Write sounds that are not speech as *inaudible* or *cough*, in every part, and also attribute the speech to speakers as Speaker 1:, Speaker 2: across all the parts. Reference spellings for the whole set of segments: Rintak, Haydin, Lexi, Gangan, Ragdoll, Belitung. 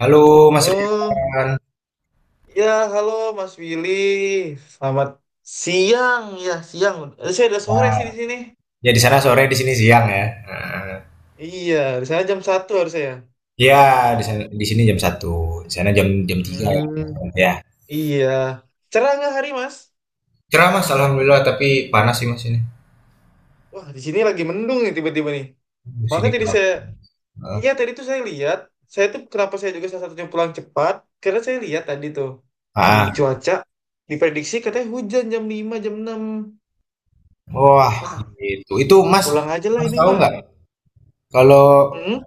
Speaker 1: Halo Mas
Speaker 2: Halo,
Speaker 1: Rian.
Speaker 2: ya halo Mas Willy. Selamat siang ya siang. Eh, saya udah sore
Speaker 1: Nah,
Speaker 2: sih di sini.
Speaker 1: ya di sana sore, di sini siang ya. Nah,
Speaker 2: Iya, di sana jam 1 harusnya ya.
Speaker 1: ya di sana di sini jam 1, di sana jam jam 3 ya.
Speaker 2: Hmm,
Speaker 1: Ya.
Speaker 2: iya. Cerah nggak hari Mas?
Speaker 1: Cerah Mas, alhamdulillah tapi panas sih Mas ini.
Speaker 2: Wah, di sini lagi mendung nih tiba-tiba nih.
Speaker 1: Di
Speaker 2: Maka
Speaker 1: sini
Speaker 2: tadi
Speaker 1: panas.
Speaker 2: saya,
Speaker 1: Heeh.
Speaker 2: iya tadi tuh saya lihat, saya tuh kenapa saya juga salah satunya pulang cepat, karena saya lihat tadi tuh, wih,
Speaker 1: Ah,
Speaker 2: cuaca diprediksi katanya hujan jam 5 jam 6.
Speaker 1: wah
Speaker 2: Wah,
Speaker 1: gitu. Itu Mas,
Speaker 2: pulang aja lah
Speaker 1: Mas
Speaker 2: ini
Speaker 1: tahu
Speaker 2: mah.
Speaker 1: nggak kalau
Speaker 2: Hmm?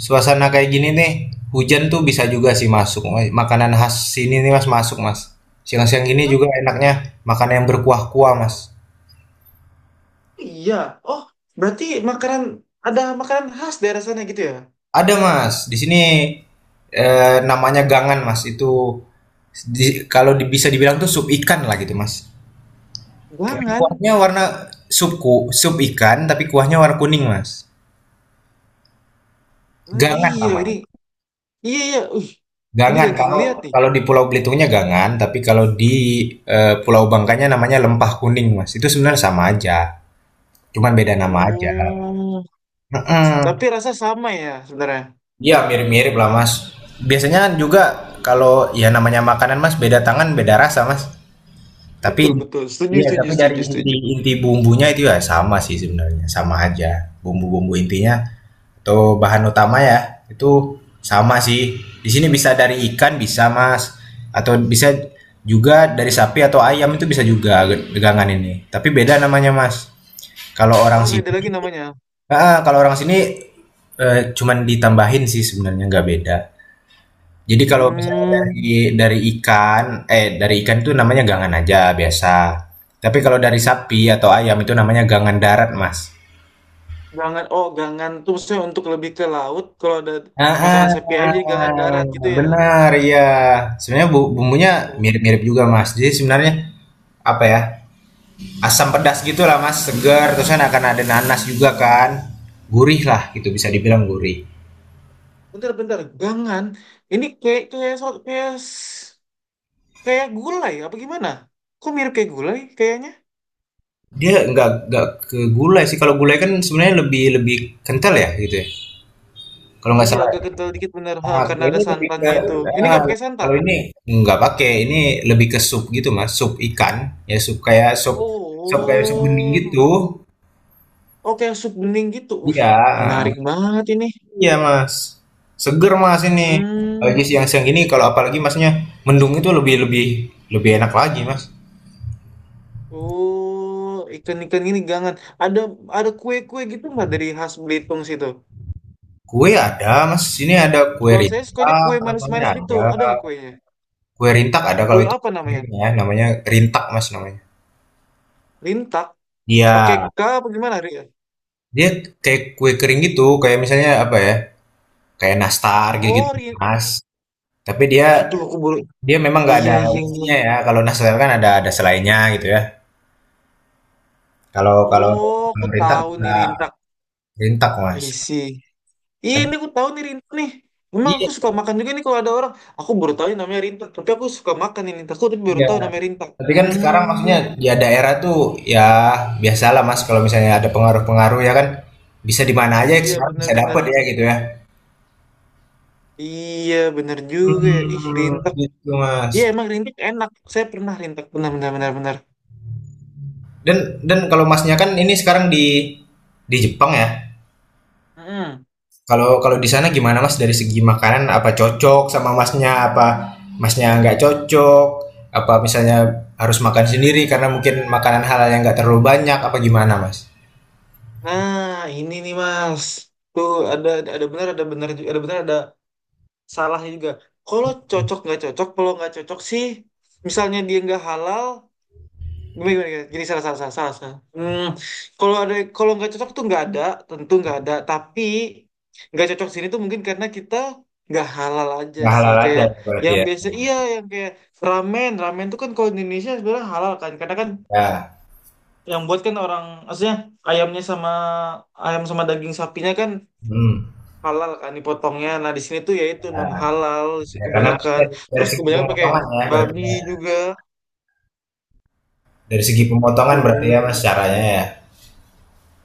Speaker 1: suasana kayak gini nih, hujan tuh bisa juga sih masuk. Makanan khas sini nih Mas masuk Mas. Siang-siang gini juga enaknya makan yang berkuah-kuah Mas.
Speaker 2: Iya. Oh, berarti makanan makanan khas daerah sana gitu ya?
Speaker 1: Ada Mas, di sini, namanya gangan Mas, itu kalau di bisa dibilang tuh sup ikan lah gitu Mas, tapi
Speaker 2: Guangan.
Speaker 1: kuahnya warna sup ku sup ikan, tapi kuahnya warna kuning Mas,
Speaker 2: Oh,
Speaker 1: gangan
Speaker 2: iya ini.
Speaker 1: namanya,
Speaker 2: Iya iya. Ini
Speaker 1: gangan
Speaker 2: lagi
Speaker 1: kalau
Speaker 2: ngeliat nih.
Speaker 1: kalau di Pulau Belitungnya gangan, tapi kalau di, Pulau Bangkanya namanya lempah kuning Mas, itu sebenarnya sama aja, cuman beda nama aja.
Speaker 2: Oh,
Speaker 1: Mhm,
Speaker 2: tapi rasa sama ya sebenarnya.
Speaker 1: iya mirip-mirip lah Mas, biasanya kan juga kalau ya namanya makanan Mas, beda tangan beda rasa Mas. Tapi
Speaker 2: Betul betul. Setuju
Speaker 1: iya,
Speaker 2: setuju
Speaker 1: tapi dari
Speaker 2: setuju
Speaker 1: inti
Speaker 2: setuju.
Speaker 1: inti bumbunya itu ya sama sih sebenarnya, sama aja. Bumbu-bumbu intinya atau bahan utama ya, itu sama sih. Di sini bisa dari ikan bisa, Mas. Atau bisa juga dari sapi atau ayam itu bisa juga degangan ini. Tapi beda namanya, Mas. Kalau orang
Speaker 2: Oh, beda lagi
Speaker 1: sini,
Speaker 2: namanya.
Speaker 1: ah, kalau orang sini cuman ditambahin sih sebenarnya nggak beda. Jadi kalau misalnya
Speaker 2: Hmm.
Speaker 1: dari dari ikan itu namanya gangan aja, biasa. Tapi kalau dari sapi atau ayam itu namanya gangan darat, Mas.
Speaker 2: Gangan. Oh, gangan tuh maksudnya untuk lebih ke laut. Kalau ada
Speaker 1: Ah
Speaker 2: makanan sapi ayam jadi gangan darat gitu ya.
Speaker 1: benar, ya. Sebenarnya bumbunya
Speaker 2: Oh,
Speaker 1: mirip-mirip juga, Mas. Jadi sebenarnya apa ya? Asam pedas gitulah, Mas. Segar, terus kan akan ada nanas juga kan. Gurih lah gitu bisa dibilang gurih.
Speaker 2: bentar bentar. Gangan. Ini kayak kayak so- kayak s- Kayak gulai, apa gimana? Kok mirip kayak gulai kayaknya?
Speaker 1: Dia nggak ke gulai sih. Kalau gulai kan sebenarnya lebih lebih kental ya gitu ya. Kalau nggak
Speaker 2: Iya,
Speaker 1: salah.
Speaker 2: agak kental dikit bener. Ha,
Speaker 1: Ah,
Speaker 2: karena
Speaker 1: kalau
Speaker 2: ada
Speaker 1: ini lebih ke
Speaker 2: santannya itu. Ini
Speaker 1: ah,
Speaker 2: nggak pakai santan.
Speaker 1: Kalau ini nggak pakai, ini lebih ke sup gitu Mas, sup ikan, ya sup kayak sup bening
Speaker 2: Oh,
Speaker 1: gitu.
Speaker 2: oke sup bening gitu. Wih,
Speaker 1: Iya,
Speaker 2: menarik banget ini.
Speaker 1: iya Mas. Seger Mas ini.
Speaker 2: Hmm,
Speaker 1: Lagi siang-siang ini kalau apalagi Masnya mendung itu lebih lebih lebih enak lagi Mas.
Speaker 2: oh ikan-ikan gini gangan. Ada ada kue-kue gitu nggak dari khas Belitung situ?
Speaker 1: Kue ada Mas, sini ada kue
Speaker 2: Kalau saya sukanya
Speaker 1: rintak
Speaker 2: kue
Speaker 1: namanya
Speaker 2: manis-manis gitu.
Speaker 1: ada.
Speaker 2: Ada nggak kuenya?
Speaker 1: Kue rintak ada kalau
Speaker 2: Kue
Speaker 1: itu
Speaker 2: apa namanya?
Speaker 1: ya, namanya rintak Mas namanya.
Speaker 2: Rintak?
Speaker 1: Iya,
Speaker 2: Pakai K apa gimana?
Speaker 1: dia kayak kue kering gitu, kayak misalnya apa ya? Kayak nastar gitu
Speaker 2: Oh.
Speaker 1: mas, tapi dia
Speaker 2: Aduh, aku baru.
Speaker 1: dia memang nggak
Speaker 2: Iya,
Speaker 1: ada
Speaker 2: iya, iya.
Speaker 1: isinya ya, kalau nastar kan ada selainya gitu ya. Kalau kalau
Speaker 2: Oh,
Speaker 1: kalau
Speaker 2: aku
Speaker 1: nggak
Speaker 2: tahu nih Rintak.
Speaker 1: rintak, Mas.
Speaker 2: I see. Iya,
Speaker 1: Tapi
Speaker 2: ini aku tahu nih Rintak nih. Memang
Speaker 1: dia,
Speaker 2: aku suka makan juga nih kalau ada orang. Aku baru tahu ini namanya Rintak, tapi aku suka makan ini Rintak. Aku tapi baru
Speaker 1: iya,
Speaker 2: tahu namanya Rintak.
Speaker 1: tapi kan sekarang maksudnya
Speaker 2: Hmm,
Speaker 1: ya daerah tuh ya biasalah, Mas, kalau misalnya ada pengaruh-pengaruh ya kan, bisa di mana aja
Speaker 2: iya
Speaker 1: sekarang bisa
Speaker 2: benar-benar.
Speaker 1: dapet ya gitu ya.
Speaker 2: Iya, benar juga ya. Ih,
Speaker 1: Hmm
Speaker 2: Rintak.
Speaker 1: gitu, Mas.
Speaker 2: Iya, emang Rintak enak. Saya pernah Rintak, benar-benar benar-benar.
Speaker 1: Dan dan kalau Masnya kan ini sekarang di Jepang ya?
Speaker 2: Hmm.
Speaker 1: Kalau kalau di sana gimana Mas dari segi makanan apa cocok sama Masnya apa Masnya nggak cocok apa misalnya harus makan sendiri karena mungkin makanan halal yang nggak terlalu banyak apa gimana Mas?
Speaker 2: Nah, ini nih Mas. Tuh ada benar juga ada benar ada salahnya juga. Kalau cocok nggak cocok, kalau nggak cocok sih, misalnya dia nggak halal, gimana, gimana, gimana? Gini salah salah salah salah. Salah. Kalau ada kalau nggak cocok tuh nggak ada, tentu nggak ada. Tapi nggak cocok sini tuh mungkin karena kita nggak halal aja
Speaker 1: Nggak
Speaker 2: sih.
Speaker 1: halal aja
Speaker 2: Kayak
Speaker 1: ya berarti
Speaker 2: yang
Speaker 1: ya.
Speaker 2: biasa iya yang kayak ramen ramen tuh kan kalau di Indonesia sebenarnya halal kan. Karena kan
Speaker 1: Ya.
Speaker 2: yang buat kan orang maksudnya ayamnya sama ayam sama daging sapinya kan
Speaker 1: Hmm.
Speaker 2: halal kan dipotongnya. Nah di sini tuh ya itu non halal
Speaker 1: Ya, karena mungkin
Speaker 2: kebanyakan.
Speaker 1: dari
Speaker 2: Terus
Speaker 1: segi
Speaker 2: kebanyakan pakai
Speaker 1: pemotongan ya berarti
Speaker 2: babi
Speaker 1: ya.
Speaker 2: juga
Speaker 1: Dari segi
Speaker 2: gitu.
Speaker 1: pemotongan berarti ya Mas caranya ya.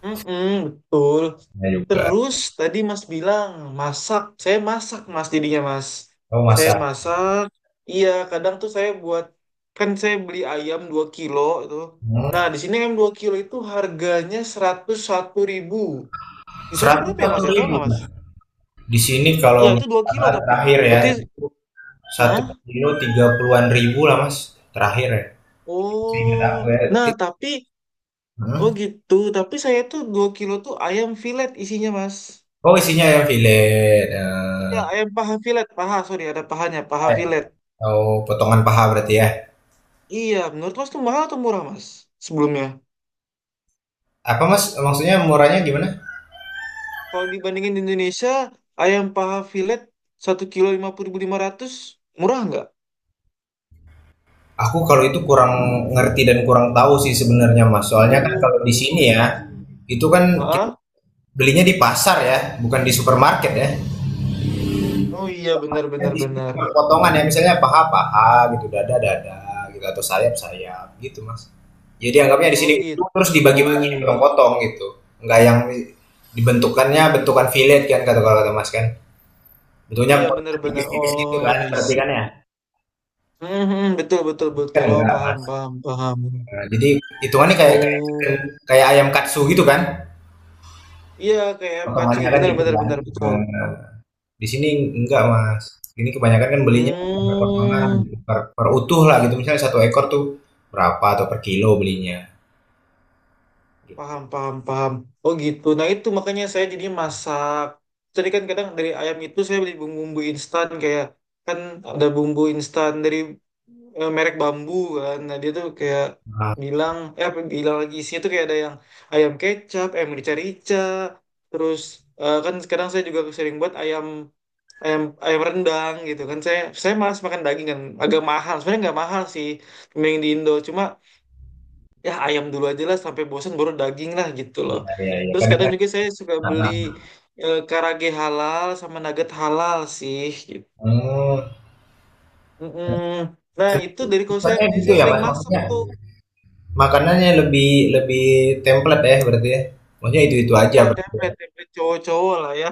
Speaker 2: Mm-mm, betul.
Speaker 1: Ya juga.
Speaker 2: Terus tadi Mas bilang masak, saya masak Mas jadinya Mas.
Speaker 1: Oh
Speaker 2: Saya
Speaker 1: masak.
Speaker 2: masak. Iya, kadang tuh saya buat kan saya beli ayam 2 kilo itu.
Speaker 1: Hmm.
Speaker 2: Nah, di sini ayam 2 kilo itu harganya 101 ribu. Di sana
Speaker 1: seratus
Speaker 2: berapa ya
Speaker 1: satu
Speaker 2: Mas? Ya tahu
Speaker 1: ribu
Speaker 2: nggak Mas?
Speaker 1: Di sini kalau
Speaker 2: Iya,
Speaker 1: nggak
Speaker 2: itu 2 kilo
Speaker 1: salah
Speaker 2: tapi.
Speaker 1: terakhir ya
Speaker 2: Berarti
Speaker 1: satu
Speaker 2: hah?
Speaker 1: kilo 30-an ribu lah Mas terakhir ya. Ingat aku
Speaker 2: Oh.
Speaker 1: ya.
Speaker 2: Nah, tapi oh
Speaker 1: Hmm?
Speaker 2: gitu. Tapi saya tuh 2 kilo tuh ayam filet isinya Mas.
Speaker 1: Oh isinya ya filet
Speaker 2: Iya, ayam paha filet, paha, sorry, ada pahanya, paha
Speaker 1: eh,
Speaker 2: filet.
Speaker 1: atau potongan paha berarti ya.
Speaker 2: Iya, menurut Mas tuh mahal atau murah, Mas? Sebelumnya.
Speaker 1: Apa mas maksudnya murahnya gimana?
Speaker 2: Kalau dibandingin di Indonesia, ayam paha filet satu kilo lima lima puluh ribu lima ratus, murah nggak?
Speaker 1: Aku kalau itu kurang ngerti dan kurang tahu sih sebenarnya mas. Soalnya kan kalau di
Speaker 2: Oh,
Speaker 1: sini
Speaker 2: I
Speaker 1: ya
Speaker 2: see.
Speaker 1: itu kan kita
Speaker 2: Hah?
Speaker 1: belinya di pasar ya, bukan di supermarket ya.
Speaker 2: Oh iya,
Speaker 1: Ya
Speaker 2: benar-benar
Speaker 1: di sini
Speaker 2: benar, benar,
Speaker 1: cuma
Speaker 2: benar.
Speaker 1: potongan ya, misalnya paha-paha gitu, dada-dada gitu, atau sayap-sayap gitu, Mas. Jadi anggapnya di sini
Speaker 2: Oh
Speaker 1: itu
Speaker 2: gitu.
Speaker 1: terus dibagi-bagi, dipotong-potong gitu. Enggak yang dibentukannya bentukan fillet kan kalau kata Mas kan. Bentuknya
Speaker 2: Iya,
Speaker 1: potongan
Speaker 2: benar-benar.
Speaker 1: tipis-tipis gitu kan,
Speaker 2: Oh, I
Speaker 1: berarti
Speaker 2: see.
Speaker 1: kan ya?
Speaker 2: Mhm, betul, betul,
Speaker 1: Ini kan
Speaker 2: betul. Oh,
Speaker 1: enggak,
Speaker 2: paham,
Speaker 1: Mas.
Speaker 2: paham, paham.
Speaker 1: Nah, jadi hitungannya kayak
Speaker 2: Oh,
Speaker 1: kayak kayak ayam katsu gitu kan,
Speaker 2: iya, kayak ayam kacang
Speaker 1: potongannya
Speaker 2: gitu.
Speaker 1: kan
Speaker 2: Benar,
Speaker 1: gitu
Speaker 2: benar, benar, betul.
Speaker 1: kan. Di sini enggak, Mas. Ini kebanyakan kan belinya per potongan,
Speaker 2: Hmm.
Speaker 1: per utuh lah gitu. Misalnya 1 ekor tuh berapa atau per kilo belinya gitu.
Speaker 2: Paham, paham, paham. Oh gitu. Nah itu makanya saya jadi masak. Jadi kan kadang dari ayam itu saya beli bumbu-bumbu instan kayak kan ada bumbu instan dari merek bambu kan. Nah dia tuh kayak
Speaker 1: Ah,
Speaker 2: bilang, eh apa bilang lagi isinya tuh kayak ada yang ayam kecap, ayam rica-rica, terus kan sekarang saya juga sering buat ayam ayam ayam rendang gitu kan. Saya malas makan daging kan, agak mahal. Sebenarnya nggak mahal sih, mending di Indo. Cuma ya ayam dulu aja lah sampai bosan baru daging lah gitu loh.
Speaker 1: iya iya iya.
Speaker 2: Terus
Speaker 1: Kadang
Speaker 2: kadang
Speaker 1: kan
Speaker 2: juga saya suka beli
Speaker 1: heeh.
Speaker 2: karage halal sama nugget halal sih. Gitu.
Speaker 1: hmm,
Speaker 2: Mm-mm. Nah
Speaker 1: se-
Speaker 2: itu dari kalau saya
Speaker 1: Sukanya
Speaker 2: sendiri,
Speaker 1: gitu
Speaker 2: saya
Speaker 1: ya,
Speaker 2: sering
Speaker 1: Mas.
Speaker 2: masak
Speaker 1: Maksudnya
Speaker 2: tuh.
Speaker 1: makanannya lebih lebih template ya berarti ya. Maksudnya itu-itu aja
Speaker 2: Ya
Speaker 1: berarti.
Speaker 2: template template cowok-cowok lah ya.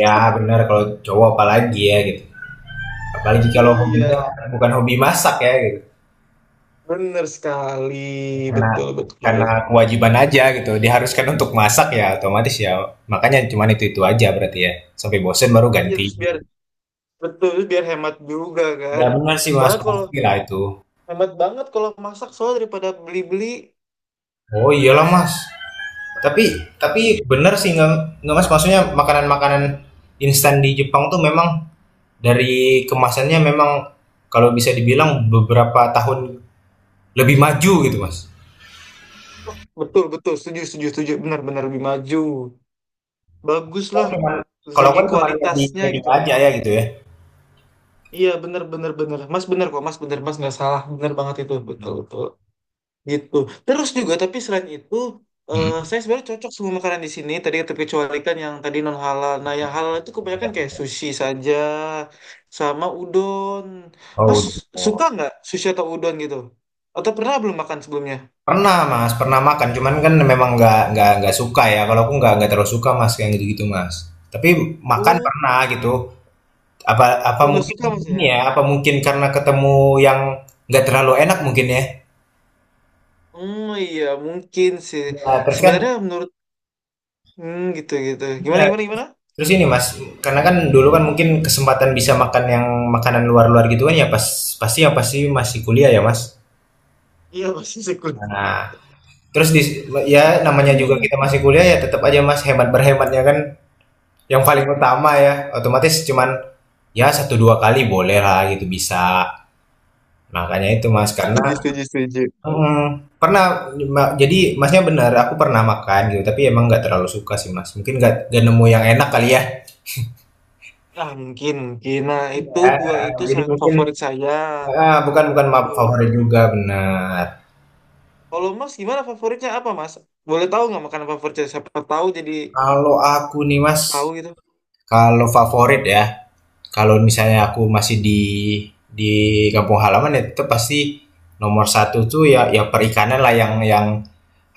Speaker 1: Ya, benar kalau cowok apalagi ya gitu. Apalagi kalau hobinya
Speaker 2: Iya,
Speaker 1: bukan hobi masak ya gitu.
Speaker 2: bener sekali,
Speaker 1: karena
Speaker 2: betul betul.
Speaker 1: karena kewajiban aja gitu diharuskan untuk masak ya otomatis ya makanya cuman itu aja berarti ya sampai bosen baru
Speaker 2: Iya
Speaker 1: ganti.
Speaker 2: terus biar betul terus biar hemat juga
Speaker 1: Ya
Speaker 2: kan.
Speaker 1: benar sih mas
Speaker 2: Soalnya kalau
Speaker 1: pasti lah itu.
Speaker 2: hemat banget kalau masak soalnya daripada beli-beli.
Speaker 1: Oh iyalah mas, tapi tapi
Speaker 2: Gitu.
Speaker 1: bener sih nggak mas, maksudnya makanan makanan instan di Jepang tuh memang dari kemasannya memang kalau bisa dibilang beberapa tahun lebih maju gitu mas.
Speaker 2: Betul betul setuju setuju setuju benar-benar lebih maju. Bagus
Speaker 1: Kan
Speaker 2: lah
Speaker 1: cuman-
Speaker 2: dari
Speaker 1: Kalau
Speaker 2: segi
Speaker 1: kan cuma lihat di
Speaker 2: kualitasnya
Speaker 1: media
Speaker 2: gitu loh.
Speaker 1: aja ya gitu ya.
Speaker 2: Iya bener bener bener mas, bener kok mas, bener mas, nggak salah, bener banget itu, betul betul gitu. Terus juga tapi selain itu
Speaker 1: Hmm.
Speaker 2: saya sebenarnya cocok semua makanan di sini tadi, terkecualikan yang tadi non halal. Nah yang halal itu kebanyakan kayak sushi saja sama udon.
Speaker 1: Oh
Speaker 2: Mas
Speaker 1: udah.
Speaker 2: suka nggak sushi atau udon gitu, atau pernah belum makan sebelumnya?
Speaker 1: Pernah Mas, pernah makan, cuman kan memang nggak suka ya, kalau aku nggak terlalu suka Mas, yang gitu-gitu Mas. Tapi makan
Speaker 2: Oh,
Speaker 1: pernah gitu, apa apa
Speaker 2: oh nggak
Speaker 1: mungkin
Speaker 2: suka mas
Speaker 1: ini
Speaker 2: ya.
Speaker 1: ya, apa mungkin karena ketemu yang nggak terlalu enak mungkin ya?
Speaker 2: Hmm, iya mungkin sih.
Speaker 1: Iya,
Speaker 2: Sebenarnya menurut, hmm, gitu gitu. Gimana
Speaker 1: iya,
Speaker 2: gimana gimana?
Speaker 1: terus ini Mas, karena kan dulu kan mungkin kesempatan bisa makan yang makanan luar-luar gitu kan ya pasti masih kuliah ya Mas.
Speaker 2: Iya masih sekunder.
Speaker 1: Nah, terus dis ya namanya juga
Speaker 2: Hmm.
Speaker 1: kita masih kuliah ya tetap aja Mas hemat berhematnya kan yang paling utama ya otomatis cuman ya 1-2 kali boleh lah gitu bisa. Nah, makanya itu mas karena
Speaker 2: Setuju, setuju, setuju.
Speaker 1: jadi masnya benar aku pernah makan gitu tapi emang nggak terlalu suka sih mas mungkin nggak nemu yang enak kali ya.
Speaker 2: Ah mungkin, mungkin. Nah itu
Speaker 1: Ya,
Speaker 2: dua itu
Speaker 1: jadi
Speaker 2: salah
Speaker 1: mungkin
Speaker 2: favorit saya.
Speaker 1: ah, bukan bukan ma-
Speaker 2: Itu.
Speaker 1: favorit juga benar.
Speaker 2: Kalau Mas gimana favoritnya apa Mas? Boleh tahu nggak makanan favoritnya? Siapa tahu jadi
Speaker 1: Kalau aku nih mas
Speaker 2: tahu gitu.
Speaker 1: kalau favorit ya kalau misalnya aku masih di di kampung halaman ya itu pasti nomor 1 tuh ya perikanan lah yang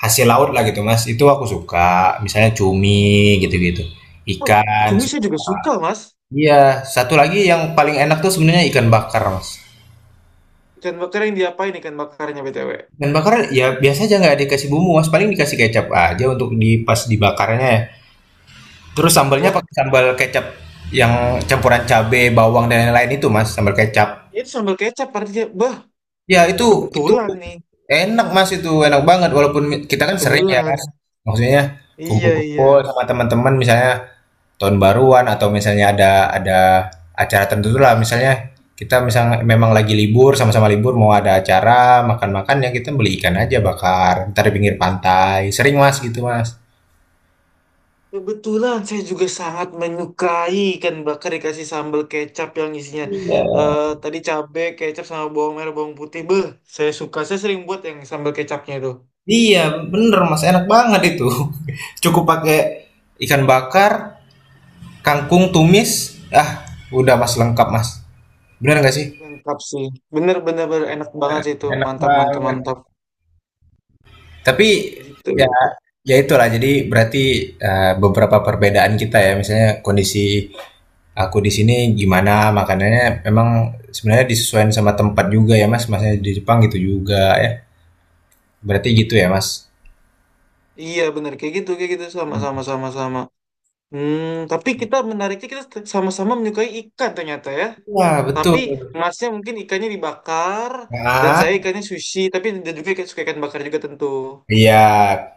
Speaker 1: hasil laut lah gitu mas itu aku suka misalnya cumi gitu-gitu
Speaker 2: Wah,
Speaker 1: ikan.
Speaker 2: cumi saya juga suka Mas.
Speaker 1: Iya 1 lagi yang paling enak tuh sebenarnya ikan bakar mas.
Speaker 2: Ikan bakar yang diapain ikan bakarnya BTW?
Speaker 1: Ikan bakar ya biasa aja nggak dikasih bumbu mas paling dikasih kecap aja untuk pas dibakarnya ya, terus sambalnya
Speaker 2: Wah,
Speaker 1: pakai sambal kecap yang campuran cabe bawang dan lain-lain itu mas sambal kecap
Speaker 2: itu sambal kecap artinya. Bah,
Speaker 1: ya itu
Speaker 2: kebetulan nih.
Speaker 1: enak mas itu enak banget walaupun kita kan sering ya
Speaker 2: Kebetulan.
Speaker 1: mas, maksudnya
Speaker 2: Iya,
Speaker 1: kumpul-kumpul
Speaker 2: iya.
Speaker 1: sama teman-teman misalnya tahun baruan atau misalnya ada acara tertentu lah misalnya kita misalnya memang lagi libur sama-sama libur mau ada acara makan-makan ya kita beli ikan aja bakar ntar di pinggir pantai sering mas gitu mas.
Speaker 2: Kebetulan saya juga sangat menyukai ikan bakar dikasih sambal kecap yang isinya
Speaker 1: Iya,
Speaker 2: tadi cabe, kecap sama bawang merah, bawang putih. Beuh, saya suka. Saya sering buat yang sambal kecapnya itu.
Speaker 1: iya bener mas enak banget itu. *laughs* Cukup pakai ikan bakar, kangkung tumis, ah udah mas lengkap mas bener nggak sih.
Speaker 2: Lengkap sih. Bener-bener enak banget sih itu.
Speaker 1: Enak
Speaker 2: Mantap, mantap,
Speaker 1: banget.
Speaker 2: mantap.
Speaker 1: Tapi
Speaker 2: Gitu,
Speaker 1: ya
Speaker 2: gitu.
Speaker 1: itulah jadi berarti beberapa perbedaan kita ya misalnya kondisi aku di sini gimana makanannya memang sebenarnya disesuaikan sama tempat juga ya Mas, masnya di Jepang gitu juga ya berarti gitu ya Mas.
Speaker 2: Iya, bener. Kayak gitu, kayak gitu. Sama, sama, sama, sama. Hmm, tapi kita menariknya kita sama-sama menyukai ikan ternyata ya.
Speaker 1: Wah
Speaker 2: Tapi
Speaker 1: betul
Speaker 2: masnya mungkin ikannya dibakar dan
Speaker 1: nah,
Speaker 2: saya ikannya sushi. Tapi dia juga suka ikan bakar juga tentu.
Speaker 1: iya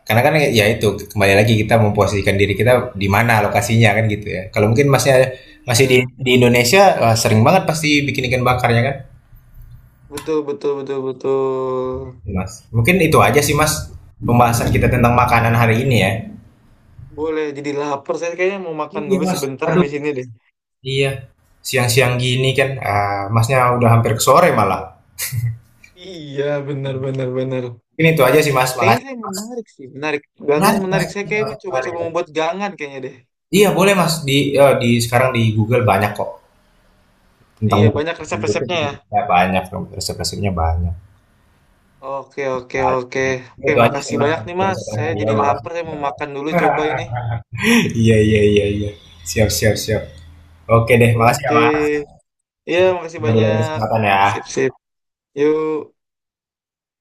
Speaker 1: karena kan ya itu kembali lagi kita memposisikan diri kita di mana lokasinya kan gitu ya kalau mungkin Masnya masih di
Speaker 2: Iya,
Speaker 1: Indonesia wah, sering banget pasti bikin ikan bakarnya kan.
Speaker 2: betul betul betul betul.
Speaker 1: Mas mungkin itu aja sih Mas pembahasan kita tentang makanan hari ini ya.
Speaker 2: Boleh jadi lapar. Saya kayaknya mau makan
Speaker 1: Iya
Speaker 2: dulu
Speaker 1: Mas
Speaker 2: sebentar
Speaker 1: aduh
Speaker 2: habis ini deh.
Speaker 1: iya siang-siang gini kan ah, Masnya udah hampir ke sore malah.
Speaker 2: Iya, benar benar benar.
Speaker 1: Mungkin itu aja sih Mas,
Speaker 2: Kayaknya
Speaker 1: makasih
Speaker 2: saya
Speaker 1: Mas.
Speaker 2: menarik sih, menarik. Gangan
Speaker 1: Menarik Mas,
Speaker 2: menarik. Saya kayak
Speaker 1: heeh,
Speaker 2: mau
Speaker 1: menarik
Speaker 2: coba-coba
Speaker 1: ya.
Speaker 2: membuat gangan kayaknya deh.
Speaker 1: Iya boleh Mas, di eee, di sekarang di Google banyak kok tentang
Speaker 2: Iya, banyak
Speaker 1: di
Speaker 2: resep-resepnya
Speaker 1: YouTube
Speaker 2: ya.
Speaker 1: juga banyak dong, resep-resepnya banyak.
Speaker 2: Oke, oke, oke.
Speaker 1: Pasti.
Speaker 2: Oke,
Speaker 1: Itu aja sih
Speaker 2: makasih
Speaker 1: Mas,
Speaker 2: banyak nih, Mas. Saya
Speaker 1: iya
Speaker 2: jadi lapar,
Speaker 1: makasih.
Speaker 2: saya
Speaker 1: *laughs*
Speaker 2: mau makan dulu coba ini.
Speaker 1: Iya iya iya iya. Siap siap siap. Oke deh, makasih ya
Speaker 2: Oke.
Speaker 1: Mas.
Speaker 2: Iya,
Speaker 1: Sampai
Speaker 2: makasih
Speaker 1: ketemu di lain
Speaker 2: banyak.
Speaker 1: kesempatan
Speaker 2: Sip,
Speaker 1: ya.
Speaker 2: sip. Yuk.